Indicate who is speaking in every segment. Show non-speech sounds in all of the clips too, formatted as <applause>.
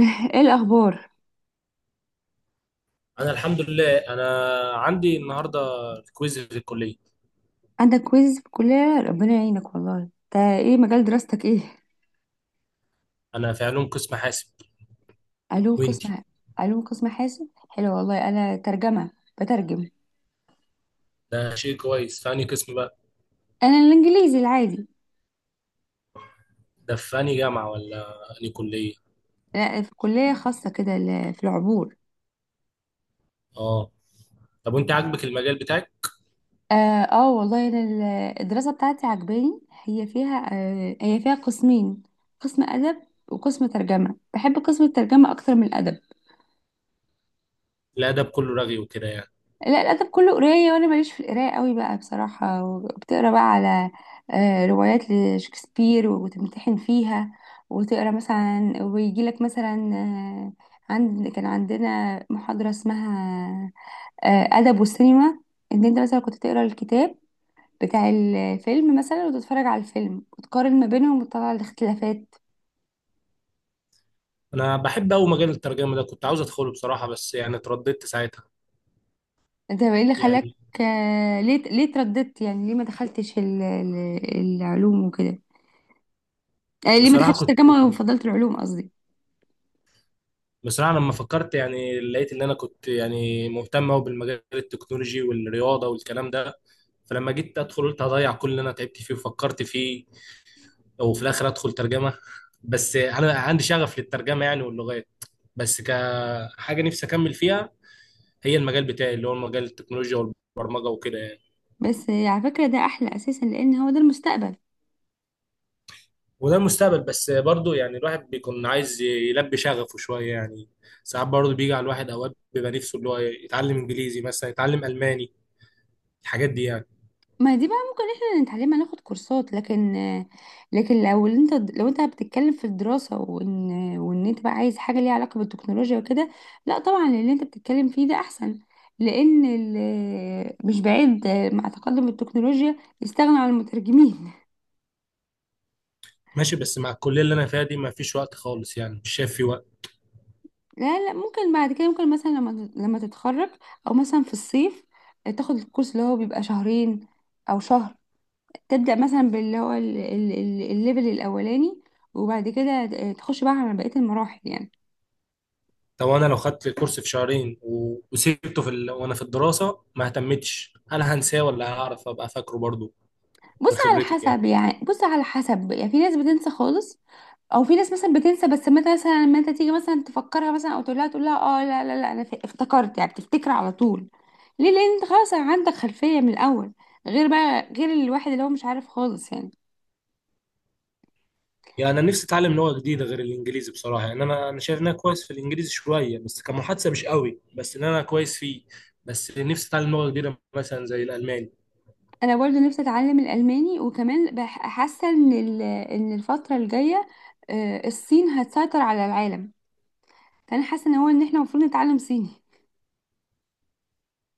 Speaker 1: ايه الاخبار؟
Speaker 2: انا الحمد لله. عندي النهارده كويز في الكليه.
Speaker 1: عندك كويز في الكليه، ربنا يعينك والله. انت ايه مجال دراستك، ايه
Speaker 2: انا في علوم قسم حاسب.
Speaker 1: علوم قسم؟
Speaker 2: وانتي؟
Speaker 1: علوم قسم حاسب، حلو والله. انا ترجمه، بترجم.
Speaker 2: ده شيء كويس، في انهي قسم بقى؟
Speaker 1: انا الانجليزي العادي.
Speaker 2: ده في انهي جامعه ولا انهي كليه؟
Speaker 1: لا، في كليه خاصه كده، في العبور.
Speaker 2: اه. طب وانت عاجبك المجال بتاعك؟
Speaker 1: اه. والله انا الدراسه بتاعتي عجباني، هي فيها، هي فيها قسمين، قسم ادب وقسم ترجمه. بحب قسم الترجمه اكتر من الادب.
Speaker 2: الادب كله رغي وكده يعني.
Speaker 1: لا، الأدب كله قراية، وأنا ماليش في القراية قوي بقى بصراحة. وبتقرا بقى على، روايات لشكسبير، وتمتحن فيها، وتقرا مثلا، ويجي لك مثلا، عند كان عندنا محاضرة اسمها أدب والسينما. إن أنت مثلا كنت تقرا الكتاب بتاع الفيلم مثلا، وتتفرج على الفيلم، وتقارن ما بينهم، وتطلع الاختلافات.
Speaker 2: انا بحب قوي مجال الترجمه ده، كنت عاوز ادخله بصراحه، بس يعني اترددت ساعتها.
Speaker 1: أنت إيه اللي خلاك؟
Speaker 2: يعني
Speaker 1: ليه ترددت؟ يعني ليه ما دخلتش العلوم وكده؟ ليه ما
Speaker 2: بصراحه
Speaker 1: دخلتش
Speaker 2: كنت
Speaker 1: ترجمة وفضلت العلوم، قصدي؟
Speaker 2: بصراحه لما فكرت، يعني لقيت ان انا كنت يعني مهتم قوي بالمجال التكنولوجي والرياضه والكلام ده. فلما جيت ادخل، قلت هضيع كل اللي انا تعبت فيه وفكرت فيه، وفي الاخر ادخل ترجمه. بس انا عندي شغف للترجمه يعني واللغات، بس كحاجه نفسي اكمل فيها. هي المجال بتاعي اللي هو مجال التكنولوجيا والبرمجه وكده يعني.
Speaker 1: بس على فكرة ده أحلى أساسا، لأن هو ده المستقبل.
Speaker 2: وده المستقبل، بس برضه يعني الواحد بيكون عايز يلبي شغفه شويه يعني. ساعات برضه بيجي على الواحد اوقات بيبقى نفسه اللي هو يتعلم انجليزي مثلا، يتعلم الماني، الحاجات دي يعني.
Speaker 1: ما دي بقى ممكن احنا نتعلمها، ناخد كورسات، لكن لكن لو انت بتتكلم في الدراسة، وان انت بقى عايز حاجة ليها علاقة بالتكنولوجيا وكده، لا طبعا اللي انت بتتكلم فيه ده أحسن، لأن مش بعيد، مع تقدم التكنولوجيا يستغنى عن المترجمين. <laughs>
Speaker 2: ماشي، بس مع الكليه اللي انا فيها دي ما فيش وقت خالص، يعني مش شايف في وقت.
Speaker 1: لا لا، ممكن بعد كده. ممكن مثلا لما تتخرج، أو مثلا في الصيف، تاخد الكورس اللي هو بيبقى شهرين أو شهر. تبدأ مثلا باللي هو الليفل الأولاني، وبعد كده تخش بقى على بقية المراحل يعني.
Speaker 2: طب انا لو خدت الكورس في شهرين و- وسبته في وانا في الدراسه ما اهتمتش، هل هنساه ولا هعرف ابقى فاكره برضو؟ من
Speaker 1: بص على
Speaker 2: خبرتك يعني.
Speaker 1: حسب يعني، في ناس بتنسى خالص، او في ناس مثلا بتنسى، بس ما مثلا لما انت تيجي مثلا تفكرها مثلا، او تقول لها، تقول لها، اه لا لا لا، انا افتكرت يعني، بتفتكر على طول. ليه؟ لان انت خلاص عندك خلفية من الاول، غير بقى غير الواحد اللي هو مش عارف خالص يعني.
Speaker 2: يعني انا نفسي اتعلم لغه جديده غير الانجليزي بصراحه، يعني انا شايف ان انا كويس في الانجليزي شويه، بس كمحادثه مش قوي، بس ان انا كويس فيه. بس نفسي اتعلم لغه جديده مثلا زي الالماني.
Speaker 1: انا برضو نفسي اتعلم الالماني، وكمان حاسه ان ان الفتره الجايه، الصين هتسيطر على العالم. انا حاسه ان هو ان احنا المفروض نتعلم صيني.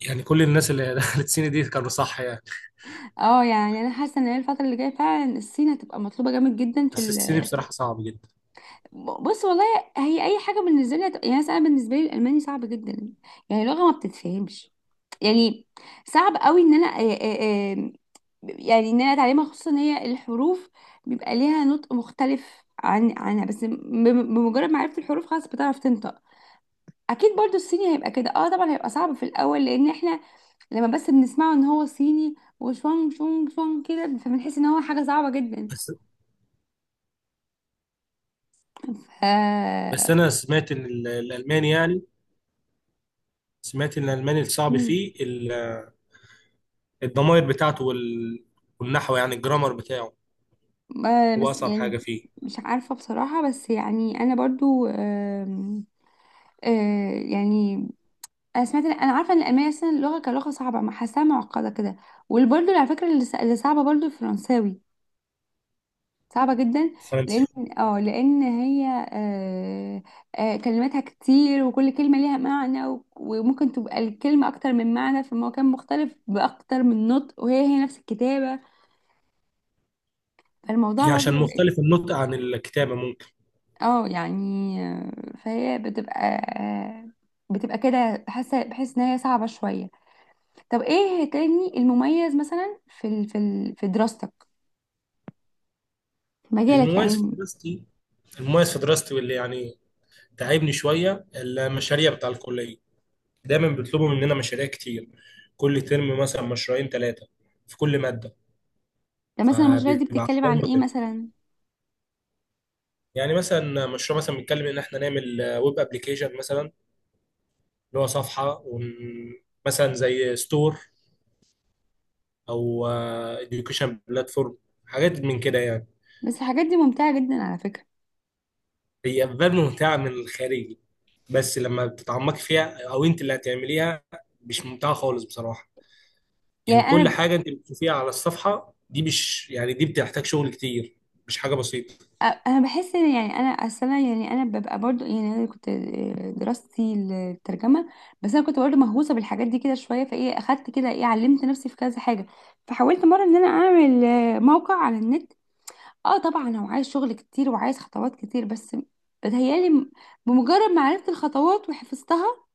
Speaker 2: يعني كل الناس اللي <laughs> دخلت الصيني دي كانوا صح يعني.
Speaker 1: اه، يعني انا حاسه ان هي الفتره اللي جايه فعلا الصين هتبقى مطلوبه جامد جدا في
Speaker 2: بس
Speaker 1: ال.
Speaker 2: الصيني بصراحه صعب جدا.
Speaker 1: بص والله، هي اي حاجه بالنسبه لي هتبقى يعني، مثلا أنا بالنسبه لي الالماني صعب جدا، يعني لغه ما بتتفهمش يعني. صعب قوي ان انا يعني ان انا اتعلمها، خصوصا ان هي الحروف بيبقى ليها نطق مختلف عنها، بس بمجرد ما عرفت الحروف خلاص بتعرف تنطق. اكيد برضو الصيني هيبقى كده. اه طبعا هيبقى صعب في الاول، لان احنا لما بس بنسمعه ان هو صيني، وشوان شون شون كده، فبنحس ان هو حاجه صعبه جدا.
Speaker 2: بس
Speaker 1: ف
Speaker 2: بس انا سمعت ان الالماني يعني، سمعت ان الالماني الصعب
Speaker 1: مم.
Speaker 2: فيه الضمائر بتاعته والنحو يعني الجرامر بتاعه. هو
Speaker 1: بس
Speaker 2: أصعب
Speaker 1: يعني
Speaker 2: حاجة فيه.
Speaker 1: مش عارفه بصراحه. بس يعني انا برضو آم، آه، يعني انا سمعت، انا عارفه ان الالمانيه اصلا اللغه كلغه صعبه، ما حاساها معقده كده. وبرضو على فكره اللي اللي صعبه برضو الفرنساوي، صعبة جدا.
Speaker 2: الفرنسي؟
Speaker 1: لأن اه لأن هي آه كلماتها كتير، وكل كلمة ليها معنى، وممكن تبقى الكلمة أكتر من معنى في مكان مختلف، بأكتر من نطق، وهي هي نفس الكتابة. فالموضوع
Speaker 2: هي
Speaker 1: برضو
Speaker 2: عشان
Speaker 1: بيبقى،
Speaker 2: مختلف النطق عن الكتابة ممكن.
Speaker 1: اه يعني، فهي بتبقى، آه بتبقى كده حاسة، بحس إن هي صعبة شوية. طب ايه تاني المميز مثلا في ال، في ال، في دراستك، في مجالك
Speaker 2: المميز في
Speaker 1: يعني؟
Speaker 2: دراستي، واللي يعني تعبني شوية المشاريع بتاع الكلية. دايما بيطلبوا مننا مشاريع كتير، كل ترم مثلا مشروعين ثلاثة في كل مادة.
Speaker 1: ده مثلا المشاريع دي
Speaker 2: فبيبقى
Speaker 1: بتتكلم
Speaker 2: حوار
Speaker 1: عن ايه
Speaker 2: متعب.
Speaker 1: مثلا؟
Speaker 2: يعني مثلا مشروع، مثلا بنتكلم ان احنا نعمل ويب ابلكيشن مثلا اللي هو صفحة مثلا زي ستور، او اديوكيشن بلاتفورم، حاجات من كده يعني.
Speaker 1: بس الحاجات دي ممتعة جدا على فكرة.
Speaker 2: هي افكار ممتعه من الخارج، بس لما بتتعمقي فيها او انت اللي هتعمليها مش ممتعه خالص بصراحه.
Speaker 1: يعني
Speaker 2: يعني كل
Speaker 1: انا،
Speaker 2: حاجه انت بتشوفيها على الصفحه دي، مش يعني دي بتحتاج شغل كتير، مش حاجه بسيطه.
Speaker 1: انا بحس ان يعني انا اصل أنا يعني انا ببقى برضو يعني انا كنت، دراستي الترجمه، بس انا كنت برضو مهووسه بالحاجات دي كده شويه، فايه اخدت كده، ايه علمت نفسي في كذا حاجه. فحاولت مره ان انا اعمل موقع على النت. اه طبعا هو عايز شغل كتير، وعايز خطوات كتير، بس بتهيالي بمجرد ما عرفت الخطوات وحفظتها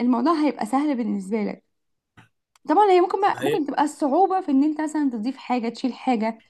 Speaker 1: الموضوع هيبقى سهل بالنسبه لك. طبعا هي ممكن
Speaker 2: ما
Speaker 1: بقى،
Speaker 2: هي
Speaker 1: ممكن تبقى الصعوبه في ان انت مثلا تضيف حاجه تشيل حاجه،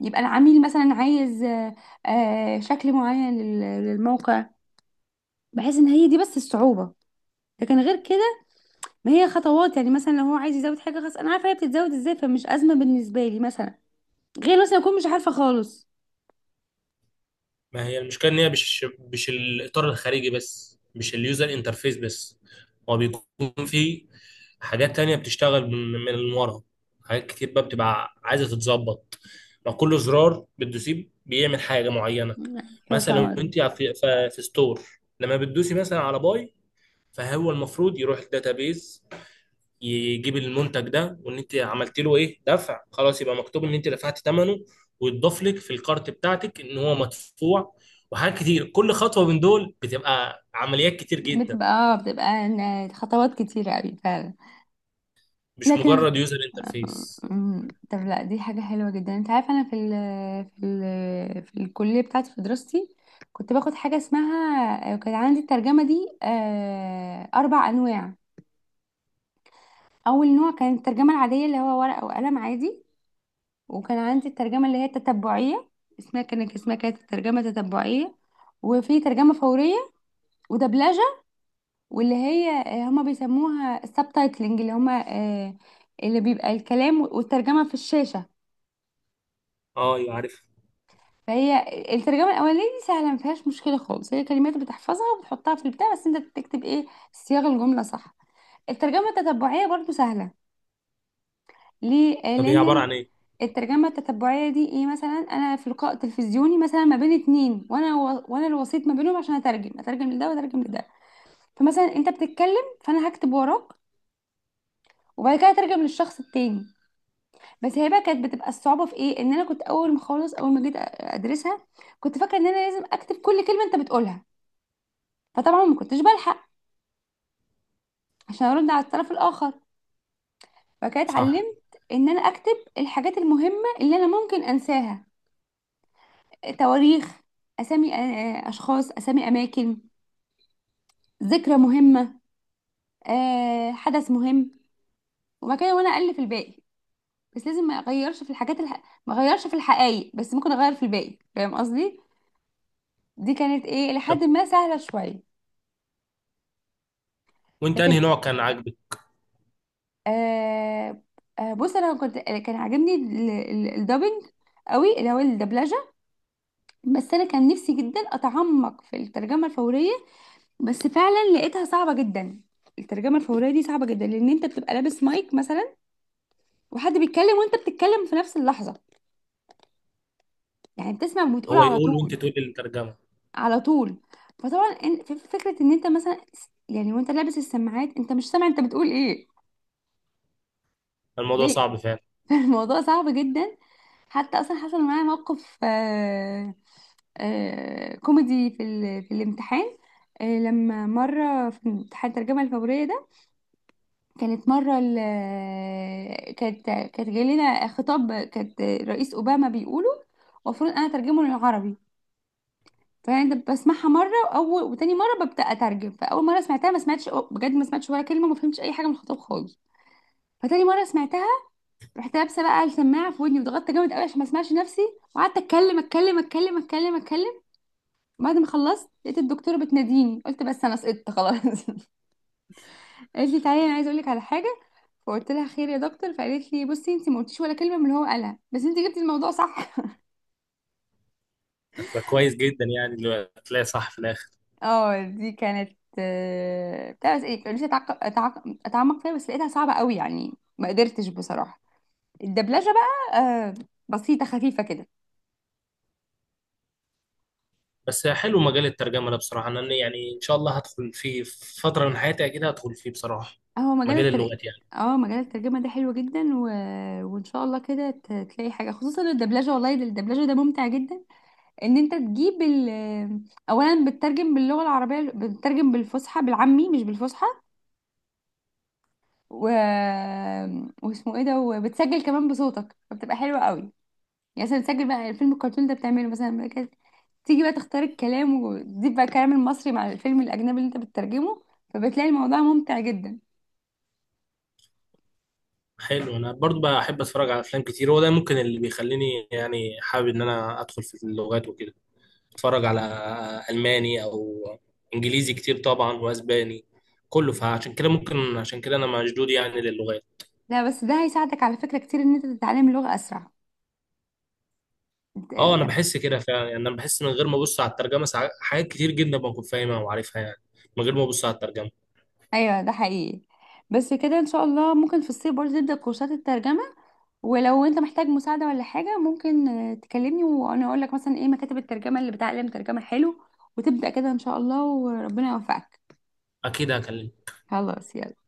Speaker 1: يبقى العميل مثلا عايز شكل معين للموقع، بحيث ان هي دي بس الصعوبة. لكن غير كده، ما هي خطوات. يعني مثلا لو هو عايز يزود حاجة خلاص انا عارفة هي بتتزود ازاي، فمش أزمة بالنسبة لي مثلا، غير مثلا اكون مش عارفة خالص.
Speaker 2: ما هي المشكله ان هي مش الاطار الخارجي بس، مش اليوزر انترفيس بس. هو بيكون فيه حاجات تانية بتشتغل من ورا. حاجات كتير بقى بتبقى عايزة تتظبط. ما كل زرار بتدوسيه بيعمل حاجة معينة.
Speaker 1: ايوه فاهمة
Speaker 2: مثلا وانت
Speaker 1: قصدي.
Speaker 2: في ستور، لما بتدوسي مثلا على باي، فهو المفروض يروح الداتابيز يجيب المنتج ده، وان انت عملت له ايه دفع خلاص يبقى مكتوب ان انت دفعت ثمنه، ويتضاف لك في الكارت بتاعتك ان هو مدفوع. وحاجات كتير، كل خطوة من دول بتبقى عمليات كتير جدا.
Speaker 1: بتبقى اه بتبقى إن خطوات كتيرة قوي فعلا.
Speaker 2: مش
Speaker 1: لكن
Speaker 2: مجرد يوزر انترفيس.
Speaker 1: أمم. طب لا، دي حاجة حلوة جدا. انت عارف انا في ال، في ال، في الكلية بتاعتي، في دراستي، كنت باخد حاجة اسمها، كان عندي الترجمة دي اربع انواع. اول نوع كان الترجمة العادية، اللي هو ورقة وقلم عادي. وكان عندي الترجمة اللي هي التتبعية، اسمها كانت الترجمة التتبعية. وفي ترجمة فورية، ودبلجة، واللي هي هما بيسموها السبتايتلنج، اللي هما آه، اللي بيبقى الكلام والترجمة في الشاشة.
Speaker 2: اه، ايوه عارف.
Speaker 1: فهي الترجمة الأولانية دي سهلة، ما فيهاش مشكلة خالص، هي كلمات بتحفظها وبتحطها في البتاع، بس أنت تكتب إيه صياغ الجملة صح. الترجمة التتبعية برضو سهلة. ليه؟
Speaker 2: طب هي عبارة
Speaker 1: لأن
Speaker 2: عن ايه؟
Speaker 1: الترجمة التتبعية دي إيه؟ مثلا أنا في لقاء تلفزيوني مثلا ما بين اتنين، وأنا وأنا الوسيط ما بينهم، عشان أترجم لده وأترجم لده. فمثلا أنت بتتكلم، فأنا هكتب وراك، وبعد كده أترجم للشخص التاني. بس هي بقى كانت بتبقى الصعوبة في إيه؟ إن أنا كنت أول ما جيت أدرسها، كنت فاكرة إن أنا لازم أكتب كل كلمة أنت بتقولها، فطبعا ما كنتش بلحق عشان ارد على الطرف الاخر. فكده
Speaker 2: صح.
Speaker 1: اتعلمت ان انا اكتب الحاجات المهمه اللي انا ممكن انساها، تواريخ، اسامي، اشخاص، اسامي اماكن، ذكرى مهمه، حدث مهم. وبعد كده وانا الف الباقي. بس لازم ما اغيرش في ما اغيرش في الحقائق، بس ممكن اغير في الباقي، فاهم قصدي. دي كانت ايه
Speaker 2: طب
Speaker 1: لحد ما سهله شويه.
Speaker 2: وانت
Speaker 1: لكن
Speaker 2: انهي نوع كان عاجبك؟
Speaker 1: آه... بص، انا كنت كان عاجبني الدبنج قوي، اللي هو الدبلجه. بس انا كان نفسي جدا اتعمق في الترجمه الفوريه، بس فعلا لقيتها صعبه جدا. الترجمه الفوريه دي صعبه جدا، لان انت بتبقى لابس مايك مثلا، وحد بيتكلم، وانت بتتكلم في نفس اللحظه، يعني بتسمع وبتقول
Speaker 2: هو
Speaker 1: على
Speaker 2: يقول وانت
Speaker 1: طول،
Speaker 2: تقول الترجمه.
Speaker 1: على طول. فطبعا فكره ان انت مثلا يعني وانت لابس السماعات، انت مش سامع انت بتقول ايه؟
Speaker 2: الموضوع
Speaker 1: ليه؟
Speaker 2: صعب فعلا.
Speaker 1: <laughs> الموضوع صعب جدا. حتى اصلا حصل معايا موقف كوميدي في في الامتحان. لما مرة في امتحان الترجمة الفورية ده، كانت مرة كانت كانت جاي لنا خطاب كانت رئيس أوباما بيقوله، المفروض أنا أترجمه للعربي. فأنا بسمعها مرة، وأول وتاني مرة ببدأ أترجم. فأول مرة سمعتها ما سمعتش بجد، ما سمعتش ولا كلمة، ما فهمتش أي حاجة من الخطاب خالص. فتاني مرة سمعتها، رحت لابسه بقى السماعه في ودني، وضغطت جامد قوي عشان ما اسمعش نفسي، وقعدت اتكلم اتكلم اتكلم اتكلم اتكلم. بعد ما خلصت لقيت الدكتوره بتناديني، قلت بس انا سقطت خلاص. <laughs> قالت لي تعالي، انا عايزه اقول لك على حاجه. فقلت لها خير يا دكتور. فقالت لي بصي، انت ما قلتيش ولا كلمه من اللي هو قالها، بس انت جبتي الموضوع صح.
Speaker 2: فكويس جدا يعني اللي هتلاقي صح في الاخر.
Speaker 1: <laughs> اه دي كانت بتاع، بس ايه كان نفسي اتعمق فيها، بس لقيتها صعبه قوي، يعني ما قدرتش بصراحه. الدبلجه بقى بسيطه خفيفه كده.
Speaker 2: بس حلو مجال الترجمه ده بصراحه، انا يعني ان شاء الله هدخل فيه في فتره من حياتي، اكيد هدخل فيه بصراحه.
Speaker 1: هو
Speaker 2: مجال اللغات يعني.
Speaker 1: اه مجال الترجمة ده حلو جدا وان شاء الله كده تلاقي حاجة، خصوصا الدبلجة، والله الدبلجة ده ممتع جدا. ان انت تجيب اولا بتترجم باللغة العربية، بتترجم بالفصحى، بالعامي مش بالفصحى، و... واسمه ايه ده، وبتسجل كمان بصوتك، فبتبقى حلوة قوي. يعني مثلا تسجل بقى الفيلم الكرتون ده بتعمله مثلا كده. تيجي بقى تختار الكلام وتزيد بقى الكلام المصري مع الفيلم الاجنبي اللي انت بتترجمه، فبتلاقي الموضوع ممتع جدا.
Speaker 2: حلو، انا برضو بحب اتفرج على افلام كتير، هو ده ممكن اللي بيخليني يعني حابب ان انا ادخل في اللغات وكده. اتفرج على الماني او انجليزي كتير طبعا، واسباني، كله، فعشان كده ممكن، عشان كده انا مشدود يعني للغات.
Speaker 1: لا بس ده هيساعدك على فكرة كتير ان انت تتعلم اللغة اسرع. انت-
Speaker 2: اه
Speaker 1: ال-
Speaker 2: انا بحس كده فعلا، يعني انا بحس من غير ما ابص على الترجمه ساعات حاجات كتير جدا بكون فاهمها وعارفها يعني، من غير ما ابص على الترجمه.
Speaker 1: ايوه ده حقيقي. بس كده ان شاء الله ممكن في الصيف برضه تبدأ كورسات الترجمة. ولو انت محتاج مساعدة ولا حاجة ممكن تكلمني، وانا اقول لك مثلا ايه مكاتب الترجمة اللي بتعلم ترجمة حلو، وتبدأ كده ان شاء الله، وربنا يوفقك.
Speaker 2: اكيد هكلمك.
Speaker 1: خلاص يلا.